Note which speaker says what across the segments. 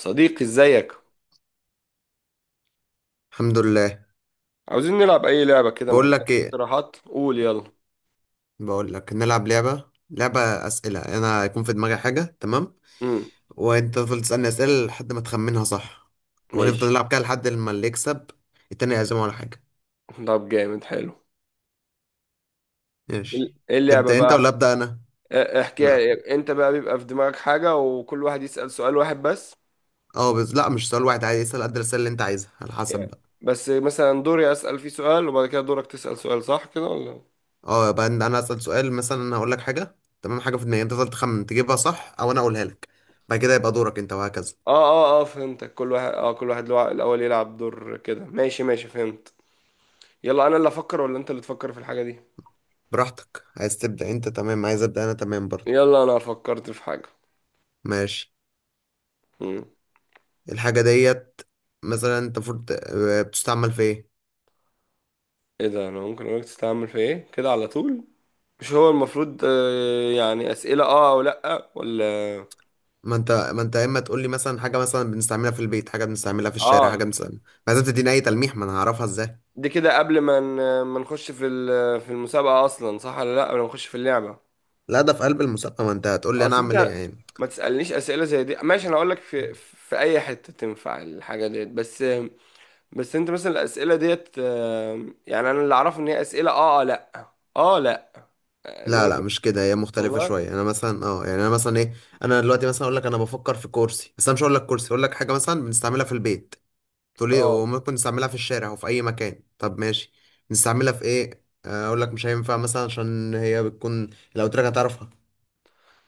Speaker 1: صديقي، ازيك؟
Speaker 2: الحمد لله.
Speaker 1: عاوزين نلعب اي لعبة، كده ما
Speaker 2: بقول
Speaker 1: عندك
Speaker 2: لك ايه؟
Speaker 1: اقتراحات؟ قول يلا.
Speaker 2: بقول لك نلعب لعبة أسئلة، انا هيكون في دماغي حاجة، تمام؟
Speaker 1: امم.
Speaker 2: وانت تفضل تسألني أسئلة لحد ما تخمنها صح، ونفضل
Speaker 1: ماشي.
Speaker 2: نلعب كده لحد ما اللي يكسب التاني يعزمه على حاجة.
Speaker 1: طب جامد، حلو.
Speaker 2: ماشي.
Speaker 1: ايه اللعبة
Speaker 2: تبدأ انت ولا
Speaker 1: بقى؟
Speaker 2: أبدأ انا؟
Speaker 1: اه،
Speaker 2: لا.
Speaker 1: احكي انت بقى، بيبقى في دماغك حاجة وكل واحد يسأل سؤال واحد بس.
Speaker 2: اه، بس لا، مش سؤال واحد عادي، اسأل قد الأسئلة اللي انت عايزها على حسب
Speaker 1: يعني،
Speaker 2: بقى.
Speaker 1: بس مثلا دوري اسأل فيه سؤال وبعد كده دورك تسأل سؤال، صح كده ولا اه؟
Speaker 2: اه، يبقى أنا أسأل سؤال، مثلا انا هقول لك حاجة، تمام؟ حاجة في دماغي، انت تفضل تخمن تجيبها صح او انا اقولها لك، بعد كده يبقى دورك انت وهكذا.
Speaker 1: اه اه، فهمتك. كل واحد الاول يلعب دور كده، ماشي ماشي، فهمت. يلا انا اللي افكر ولا انت اللي تفكر في الحاجة دي؟
Speaker 2: براحتك، عايز تبدأ انت تمام، عايز أبدأ انا تمام برضه.
Speaker 1: يلا انا فكرت في حاجة.
Speaker 2: ماشي.
Speaker 1: امم.
Speaker 2: الحاجة ديت مثلا، انت المفروض بتستعمل في ايه؟
Speaker 1: ايه ده، انا ممكن اقولك تستعمل في ايه كده على طول؟ مش هو المفروض يعني أسئلة اه او لأ ولا
Speaker 2: ما انت يا اما تقول لي مثلا حاجة مثلا بنستعملها في البيت، حاجة بنستعملها في الشارع،
Speaker 1: اه؟
Speaker 2: حاجة بنستعملها. ما لازم تديني اي تلميح، ما انا هعرفها ازاي؟
Speaker 1: دي كده قبل ما ما نخش في في المسابقة اصلا، صح ولا لأ؟ قبل ما نخش في اللعبة،
Speaker 2: لا، ده في قلب المسابقة، ما انت هتقول لي انا
Speaker 1: اصل
Speaker 2: اعمل ايه
Speaker 1: انت
Speaker 2: يعني.
Speaker 1: ما تسألنيش أسئلة زي دي، ماشي. انا اقول لك في اي حتة تنفع الحاجة ديت بس. بس انت مثلا الأسئلة ديت يعني انا اللي اعرفه ان هي أسئلة اه لأ. اه لأ.
Speaker 2: لا
Speaker 1: انما
Speaker 2: لا، مش كده، هي مختلفة
Speaker 1: والله.
Speaker 2: شوية، انا مثلا يعني انا مثلا ايه. انا دلوقتي مثلا اقول لك انا بفكر في كرسي، بس انا مش هقول لك كرسي، اقول لك حاجة مثلا بنستعملها في البيت، تقول لي
Speaker 1: اه،
Speaker 2: وممكن نستعملها في الشارع وفي اي مكان. طب ماشي. نستعملها في ايه؟ اقول لك مش هينفع مثلا، عشان هي بتكون لو قلت لك هتعرفها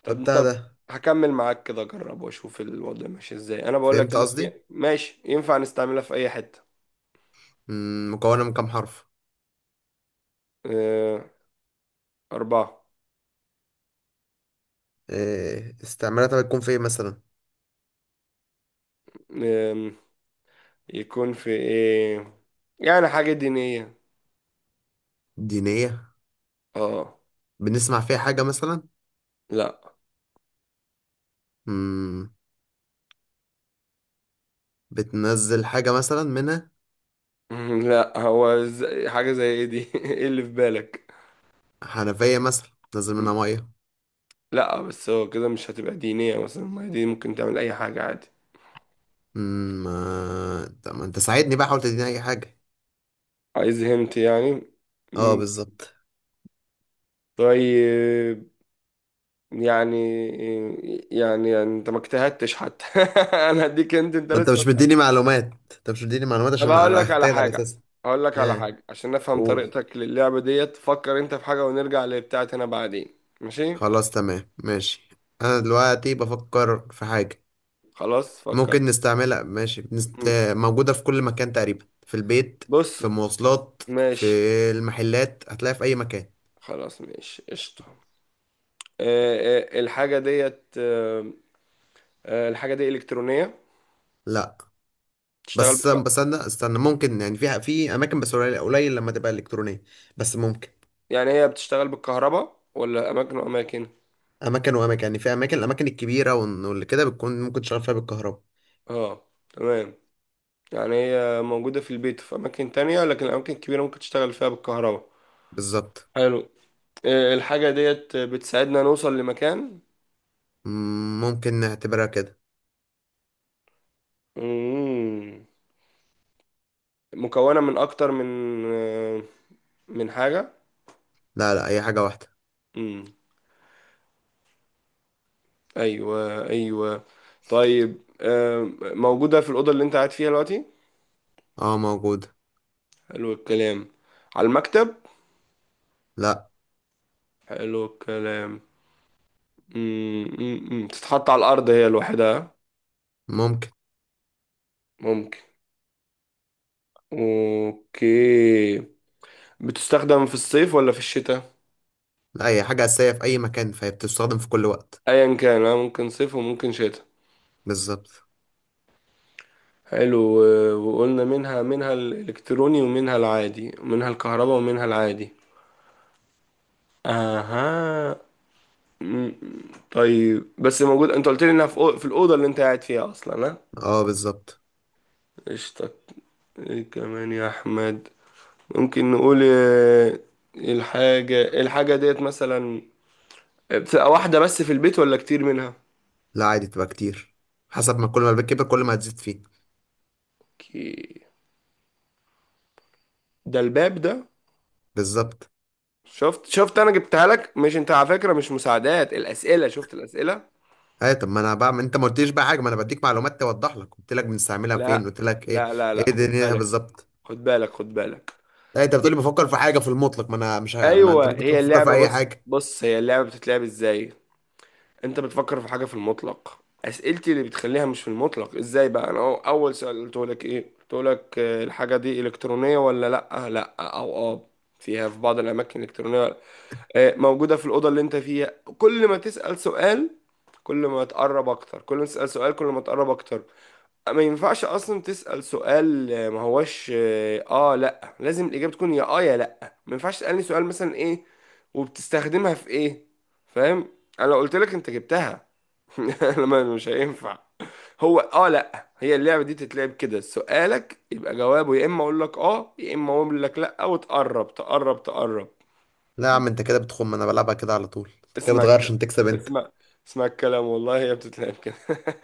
Speaker 1: طب
Speaker 2: فبتاع
Speaker 1: طب
Speaker 2: ده.
Speaker 1: هكمل معاك كده، اجرب واشوف الوضع ماشي ازاي. انا بقول لك،
Speaker 2: فهمت قصدي؟
Speaker 1: ماشي، ينفع نستعملها في اي حتة.
Speaker 2: مكونة من كام حرف؟
Speaker 1: آه، 4.
Speaker 2: إيه استعمالاتها بتكون في ايه مثلا؟
Speaker 1: آم، يكون في ايه. يعني حاجة دينية.
Speaker 2: دينية.
Speaker 1: اه.
Speaker 2: بنسمع فيها حاجة مثلا؟
Speaker 1: لا.
Speaker 2: مم، بتنزل حاجة مثلا منها؟
Speaker 1: لا هو حاجة زي ايه دي، ايه اللي في بالك؟
Speaker 2: حنفية مثلا بتنزل منها مية.
Speaker 1: لا بس هو كده مش هتبقى دينية مثلا، ما هي دي ممكن تعمل اي حاجة عادي.
Speaker 2: ما انت ساعدني بقى، حاول تديني اي حاجة.
Speaker 1: عايز هنت يعني.
Speaker 2: اه،
Speaker 1: مم.
Speaker 2: بالظبط.
Speaker 1: طيب. يعني يعني, يعني, انت ما اجتهدتش حتى، انا هديك. انت
Speaker 2: ما انت
Speaker 1: لسه.
Speaker 2: مش مديني معلومات، انت مش مديني معلومات
Speaker 1: طب
Speaker 2: عشان
Speaker 1: هقول لك على
Speaker 2: اختار على
Speaker 1: حاجه،
Speaker 2: اساس.
Speaker 1: هقول لك على
Speaker 2: ايه؟
Speaker 1: حاجه عشان افهم
Speaker 2: قول.
Speaker 1: طريقتك للعبه ديت، فكر انت في حاجه ونرجع لبتاعتي انا بعدين، ماشي.
Speaker 2: خلاص، تمام، ماشي. انا دلوقتي بفكر في حاجة
Speaker 1: خلاص
Speaker 2: ممكن
Speaker 1: فكرت.
Speaker 2: نستعملها، ماشي،
Speaker 1: مم.
Speaker 2: موجودة في كل مكان تقريبا، في البيت، في
Speaker 1: بص.
Speaker 2: المواصلات، في
Speaker 1: ماشي.
Speaker 2: المحلات، هتلاقيها في أي مكان.
Speaker 1: خلاص ماشي قشطه. الحاجه ديت. الحاجه دي الكترونيه؟
Speaker 2: لا.
Speaker 1: بتشتغل
Speaker 2: بس
Speaker 1: بالك...
Speaker 2: بس أنا استنى، ممكن يعني في أماكن، بس قليل قليل لما تبقى إلكترونية، بس ممكن.
Speaker 1: يعني هي بتشتغل بالكهرباء ولا اماكن واماكن؟
Speaker 2: أماكن وأماكن، يعني في أماكن، الأماكن الكبيرة واللي كده بتكون ممكن تشغل فيها بالكهرباء.
Speaker 1: اه تمام. يعني هي موجودة في البيت في أماكن تانية، لكن الأماكن الكبيرة ممكن تشتغل فيها بالكهرباء.
Speaker 2: بالظبط.
Speaker 1: حلو. الحاجة ديت بتساعدنا نوصل لمكان.
Speaker 2: ممكن نعتبرها كده.
Speaker 1: مم. مكونة من أكتر من آه، من حاجة.
Speaker 2: لا لا، أي حاجة واحدة.
Speaker 1: مم. أيوة أيوة. طيب موجودة في الأوضة اللي أنت قاعد فيها دلوقتي.
Speaker 2: اه، موجودة.
Speaker 1: حلو الكلام. على المكتب.
Speaker 2: لا.
Speaker 1: حلو الكلام. مم. مم. مم. تتحط على الأرض هي لوحدها؟
Speaker 2: ممكن.
Speaker 1: ممكن. أوكي. بتستخدم في الصيف ولا في الشتاء؟
Speaker 2: لا، هي حاجة أساسية في أي مكان، فهي بتستخدم في كل وقت.
Speaker 1: ايا كان، ممكن صيف وممكن شتاء.
Speaker 2: بالظبط.
Speaker 1: حلو. وقلنا منها الالكتروني ومنها العادي ومنها الكهرباء ومنها العادي. اها. م- طيب بس موجود، انت قلت لي انها في في الاوضه اللي انت قاعد فيها اصلا، ها؟
Speaker 2: اه، بالظبط.
Speaker 1: قشطة. ايه كمان يا احمد. ممكن نقول الحاجه ديت مثلا بتبقى واحده بس في البيت ولا كتير منها؟
Speaker 2: لا، عادي تبقى كتير، حسب ما كل ما البيت كبر كل ما هتزيد فيه.
Speaker 1: كي- ده الباب ده.
Speaker 2: بالظبط.
Speaker 1: شفت شفت، انا جبتها لك. مش انت على فكره مش مساعدات الاسئله؟ شفت الاسئله.
Speaker 2: ايوه، طب ما انا بقى، ما انت ما قلتليش بقى حاجه، ما انا بديك معلومات توضح لك، قلت لك بنستعملها
Speaker 1: لا
Speaker 2: فين، قلت لك ايه
Speaker 1: لا لا
Speaker 2: ايه
Speaker 1: لا، خد
Speaker 2: دنيتها
Speaker 1: بالك
Speaker 2: بالظبط.
Speaker 1: خد بالك خد بالك.
Speaker 2: لا، انت بتقولي بفكر في حاجه في المطلق، ما انا مش ه... ما انت
Speaker 1: ايوه
Speaker 2: ممكن تكون
Speaker 1: هي
Speaker 2: بتفكر في
Speaker 1: اللعبه.
Speaker 2: اي
Speaker 1: بص
Speaker 2: حاجه.
Speaker 1: بص، هي اللعبه بتتلعب ازاي؟ انت بتفكر في حاجه في المطلق، اسئلتي اللي بتخليها مش في المطلق. ازاي بقى؟ انا اول سؤال قلت لك ايه؟ قلت لك الحاجه دي الكترونيه ولا لا؟ لا او اه، فيها في بعض الاماكن الكترونيه. موجوده في الاوضه اللي انت فيها. كل ما تسال سؤال كل ما تقرب اكتر، كل ما تسال سؤال كل ما تقرب اكتر. ما ينفعش اصلا تسأل سؤال ما هوش اه لا، لازم الاجابة تكون يا اه يا لا. ما ينفعش تسألني سؤال مثلا ايه وبتستخدمها في ايه، فاهم؟ انا لو قلت لك، انت جبتها. لما مش هينفع. هو اه لا، هي اللعبة دي تتلعب كده، سؤالك يبقى جوابه يا اما اقول لك اه يا اما اقول لك لا، وتقرب تقرب تقرب.
Speaker 2: لا يا عم، انت كده بتخم، انا بلعبها كده على طول، انت كده
Speaker 1: اسمع
Speaker 2: بتغير
Speaker 1: الك-
Speaker 2: عشان تكسب انت.
Speaker 1: اسمع اسمع الكلام، والله هي بتتلعب كده.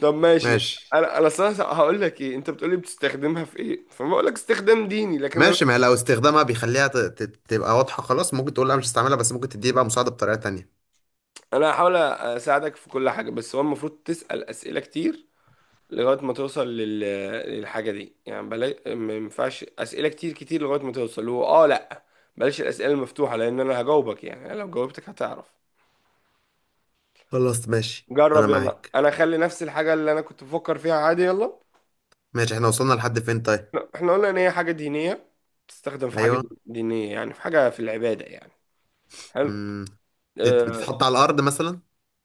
Speaker 1: طب ماشي.
Speaker 2: ماشي
Speaker 1: انا اصلا هقول لك ايه. انت بتقولي بتستخدمها في ايه، فما اقول لك استخدام ديني، لكن انا
Speaker 2: ماشي. ما هي لو استخدامها بيخليها تبقى واضحه خلاص، ممكن تقول لا مش هستعملها، بس ممكن تديه بقى مساعده بطريقه تانية.
Speaker 1: انا هحاول اساعدك في كل حاجه، بس هو المفروض تسال اسئله كتير لغايه ما توصل للحاجه دي، يعني بلاش. ما ينفعش اسئله كتير كتير لغايه ما توصل، هو اه لا. بلاش الاسئله المفتوحه لان انا هجاوبك. يعني انا لو جاوبتك هتعرف.
Speaker 2: خلاص ماشي، انا
Speaker 1: جرب يلا،
Speaker 2: معاك.
Speaker 1: انا اخلي نفس الحاجه اللي انا كنت بفكر فيها عادي، يلا.
Speaker 2: ماشي، احنا وصلنا لحد فين طيب؟
Speaker 1: احنا قلنا ان هي حاجه دينيه، تستخدم في حاجه
Speaker 2: ايوه.
Speaker 1: دينيه، يعني في حاجه في العباده يعني. حلو.
Speaker 2: مم.
Speaker 1: آه،
Speaker 2: بتتحط على الأرض مثلا؟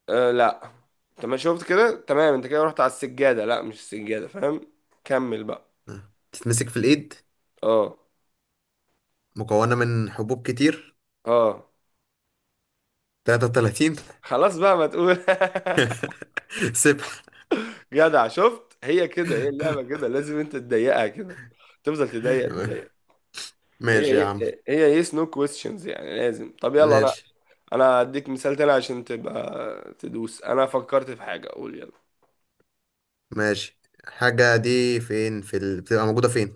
Speaker 1: أه لا. تمام شفت كده، تمام. انت كده رحت على السجادة، لا مش السجادة فاهم. كمل بقى.
Speaker 2: تتمسك في الإيد.
Speaker 1: اه
Speaker 2: مكونة من حبوب كتير.
Speaker 1: اه.
Speaker 2: 33.
Speaker 1: خلاص بقى، ما تقول.
Speaker 2: سبح.
Speaker 1: جدع، شفت هي كده، هي اللعبة كده لازم انت تضيقها كده، تفضل تضيق تضيق.
Speaker 2: ماشي
Speaker 1: هي
Speaker 2: يا عم.
Speaker 1: هي هي yes no questions يعني، لازم. طب يلا، انا
Speaker 2: ماشي
Speaker 1: انا هديك مثال تاني عشان تبقى تدوس. انا فكرت في حاجة، قول يلا.
Speaker 2: ماشي. الحاجة دي فين، بتبقى موجودة فين؟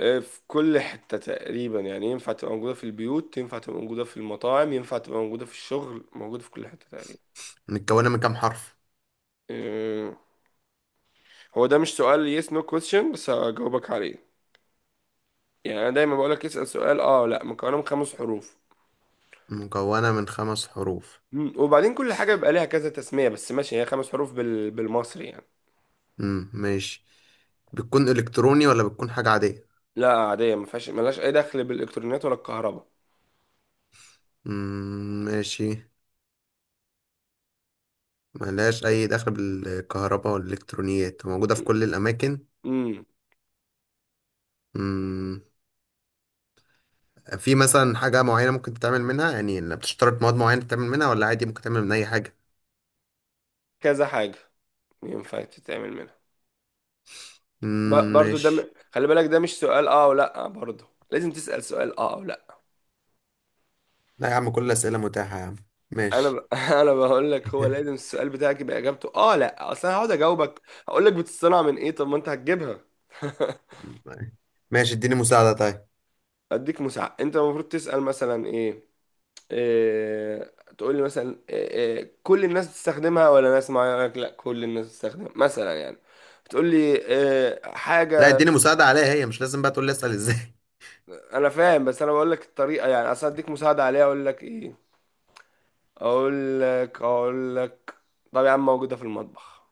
Speaker 1: في كل حتة تقريبا يعني، ينفع تبقى موجودة في البيوت ينفع تبقى موجودة في المطاعم ينفع تبقى موجودة في الشغل، موجودة في كل حتة تقريبا.
Speaker 2: متكونة من كام حرف؟
Speaker 1: آه، هو ده مش سؤال yes no question، بس هجاوبك عليه. يعني انا دايما بقولك اسأل سؤال اه لا. مكونه من 5 حروف.
Speaker 2: مكونة من 5 حروف.
Speaker 1: وبعدين كل حاجه بيبقى ليها كذا تسميه، بس ماشي، هي 5 حروف بالمصري يعني.
Speaker 2: مم. ماشي. بتكون إلكتروني ولا بتكون حاجة عادية؟
Speaker 1: لا عاديه، ما فيهاش ملهاش اي دخل بالالكترونيات ولا الكهرباء.
Speaker 2: مم. ماشي. ملهاش أي دخل بالكهرباء والإلكترونيات، موجودة في كل الأماكن.
Speaker 1: امم
Speaker 2: مم. في مثلا حاجة معينة ممكن تتعمل منها، يعني إن بتشترط مواد معينة تتعمل منها ولا عادي ممكن تعمل من أي حاجة؟
Speaker 1: كذا حاجه ينفع تتعمل منها.
Speaker 2: مم،
Speaker 1: برضو، ده
Speaker 2: ماشي.
Speaker 1: خلي بالك، ده مش سؤال اه ولا. برضو لازم تسأل سؤال اه ولا.
Speaker 2: لا يا عم، كل الأسئلة متاحة يا عم.
Speaker 1: انا
Speaker 2: ماشي.
Speaker 1: انا بقول لك، هو لازم السؤال بتاعك يبقى اجابته اه لا. اصل انا هقعد اجاوبك، هقول لك بتصطنع من ايه، طب ما انت هتجيبها.
Speaker 2: ماشي، اديني مساعدة طيب.
Speaker 1: اديك مساعدة، انت المفروض تسأل مثلا ايه، إيه تقول لي مثلا إيه إيه كل الناس بتستخدمها ولا ناس معينة، أقول لك لا كل الناس بتستخدمها مثلا يعني. بتقول لي إيه
Speaker 2: لا،
Speaker 1: حاجة.
Speaker 2: اديني مساعدة عليها، هي مش لازم بقى تقول لي أسأل ازاي.
Speaker 1: انا فاهم بس انا بقول لك الطريقة، يعني اصل اديك مساعدة عليها اقول لك ايه. اقول لك. طب يا عم موجودة في المطبخ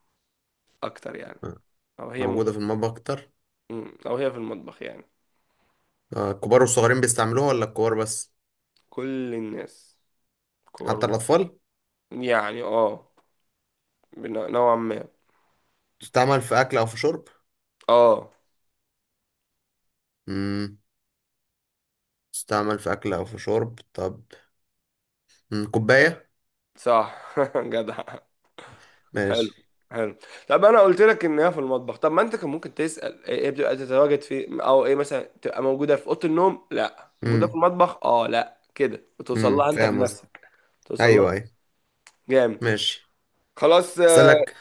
Speaker 1: اكتر يعني،
Speaker 2: آه،
Speaker 1: او هي
Speaker 2: موجودة
Speaker 1: موجودة؟
Speaker 2: في المطبخ أكتر.
Speaker 1: او هي في المطبخ يعني.
Speaker 2: الكبار والصغيرين بيستعملوها ولا الكبار بس؟
Speaker 1: كل الناس، كبار
Speaker 2: حتى
Speaker 1: وصغار.
Speaker 2: الأطفال.
Speaker 1: يعني اه، نوعا ما.
Speaker 2: تستعمل في أكل أو في شرب؟
Speaker 1: اه،
Speaker 2: مم. تستعمل في أكل أو في شرب طب. مم. كوباية.
Speaker 1: صح، جدع. حلو
Speaker 2: ماشي.
Speaker 1: حلو. طب انا قلت لك ان هي في المطبخ، طب ما انت كان ممكن تسال ايه، إيه بتبقى تتواجد في، او ايه مثلا تبقى موجوده في اوضه النوم لا موجوده في
Speaker 2: مم.
Speaker 1: المطبخ اه لا، كده وتوصل
Speaker 2: مم.
Speaker 1: لها انت
Speaker 2: فاهم قصدي؟
Speaker 1: بنفسك. توصل
Speaker 2: أيوه
Speaker 1: لها.
Speaker 2: أيوه.
Speaker 1: جامد.
Speaker 2: ماشي.
Speaker 1: خلاص.
Speaker 2: هسألك.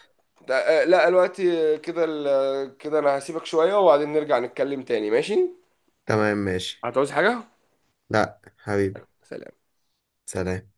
Speaker 1: لا دلوقتي آه، كده ال- آه، كده انا هسيبك شويه وبعدين نرجع نتكلم تاني، ماشي.
Speaker 2: تمام ماشي.
Speaker 1: هتعوز حاجه؟
Speaker 2: لا حبيبي.
Speaker 1: سلام.
Speaker 2: سلام.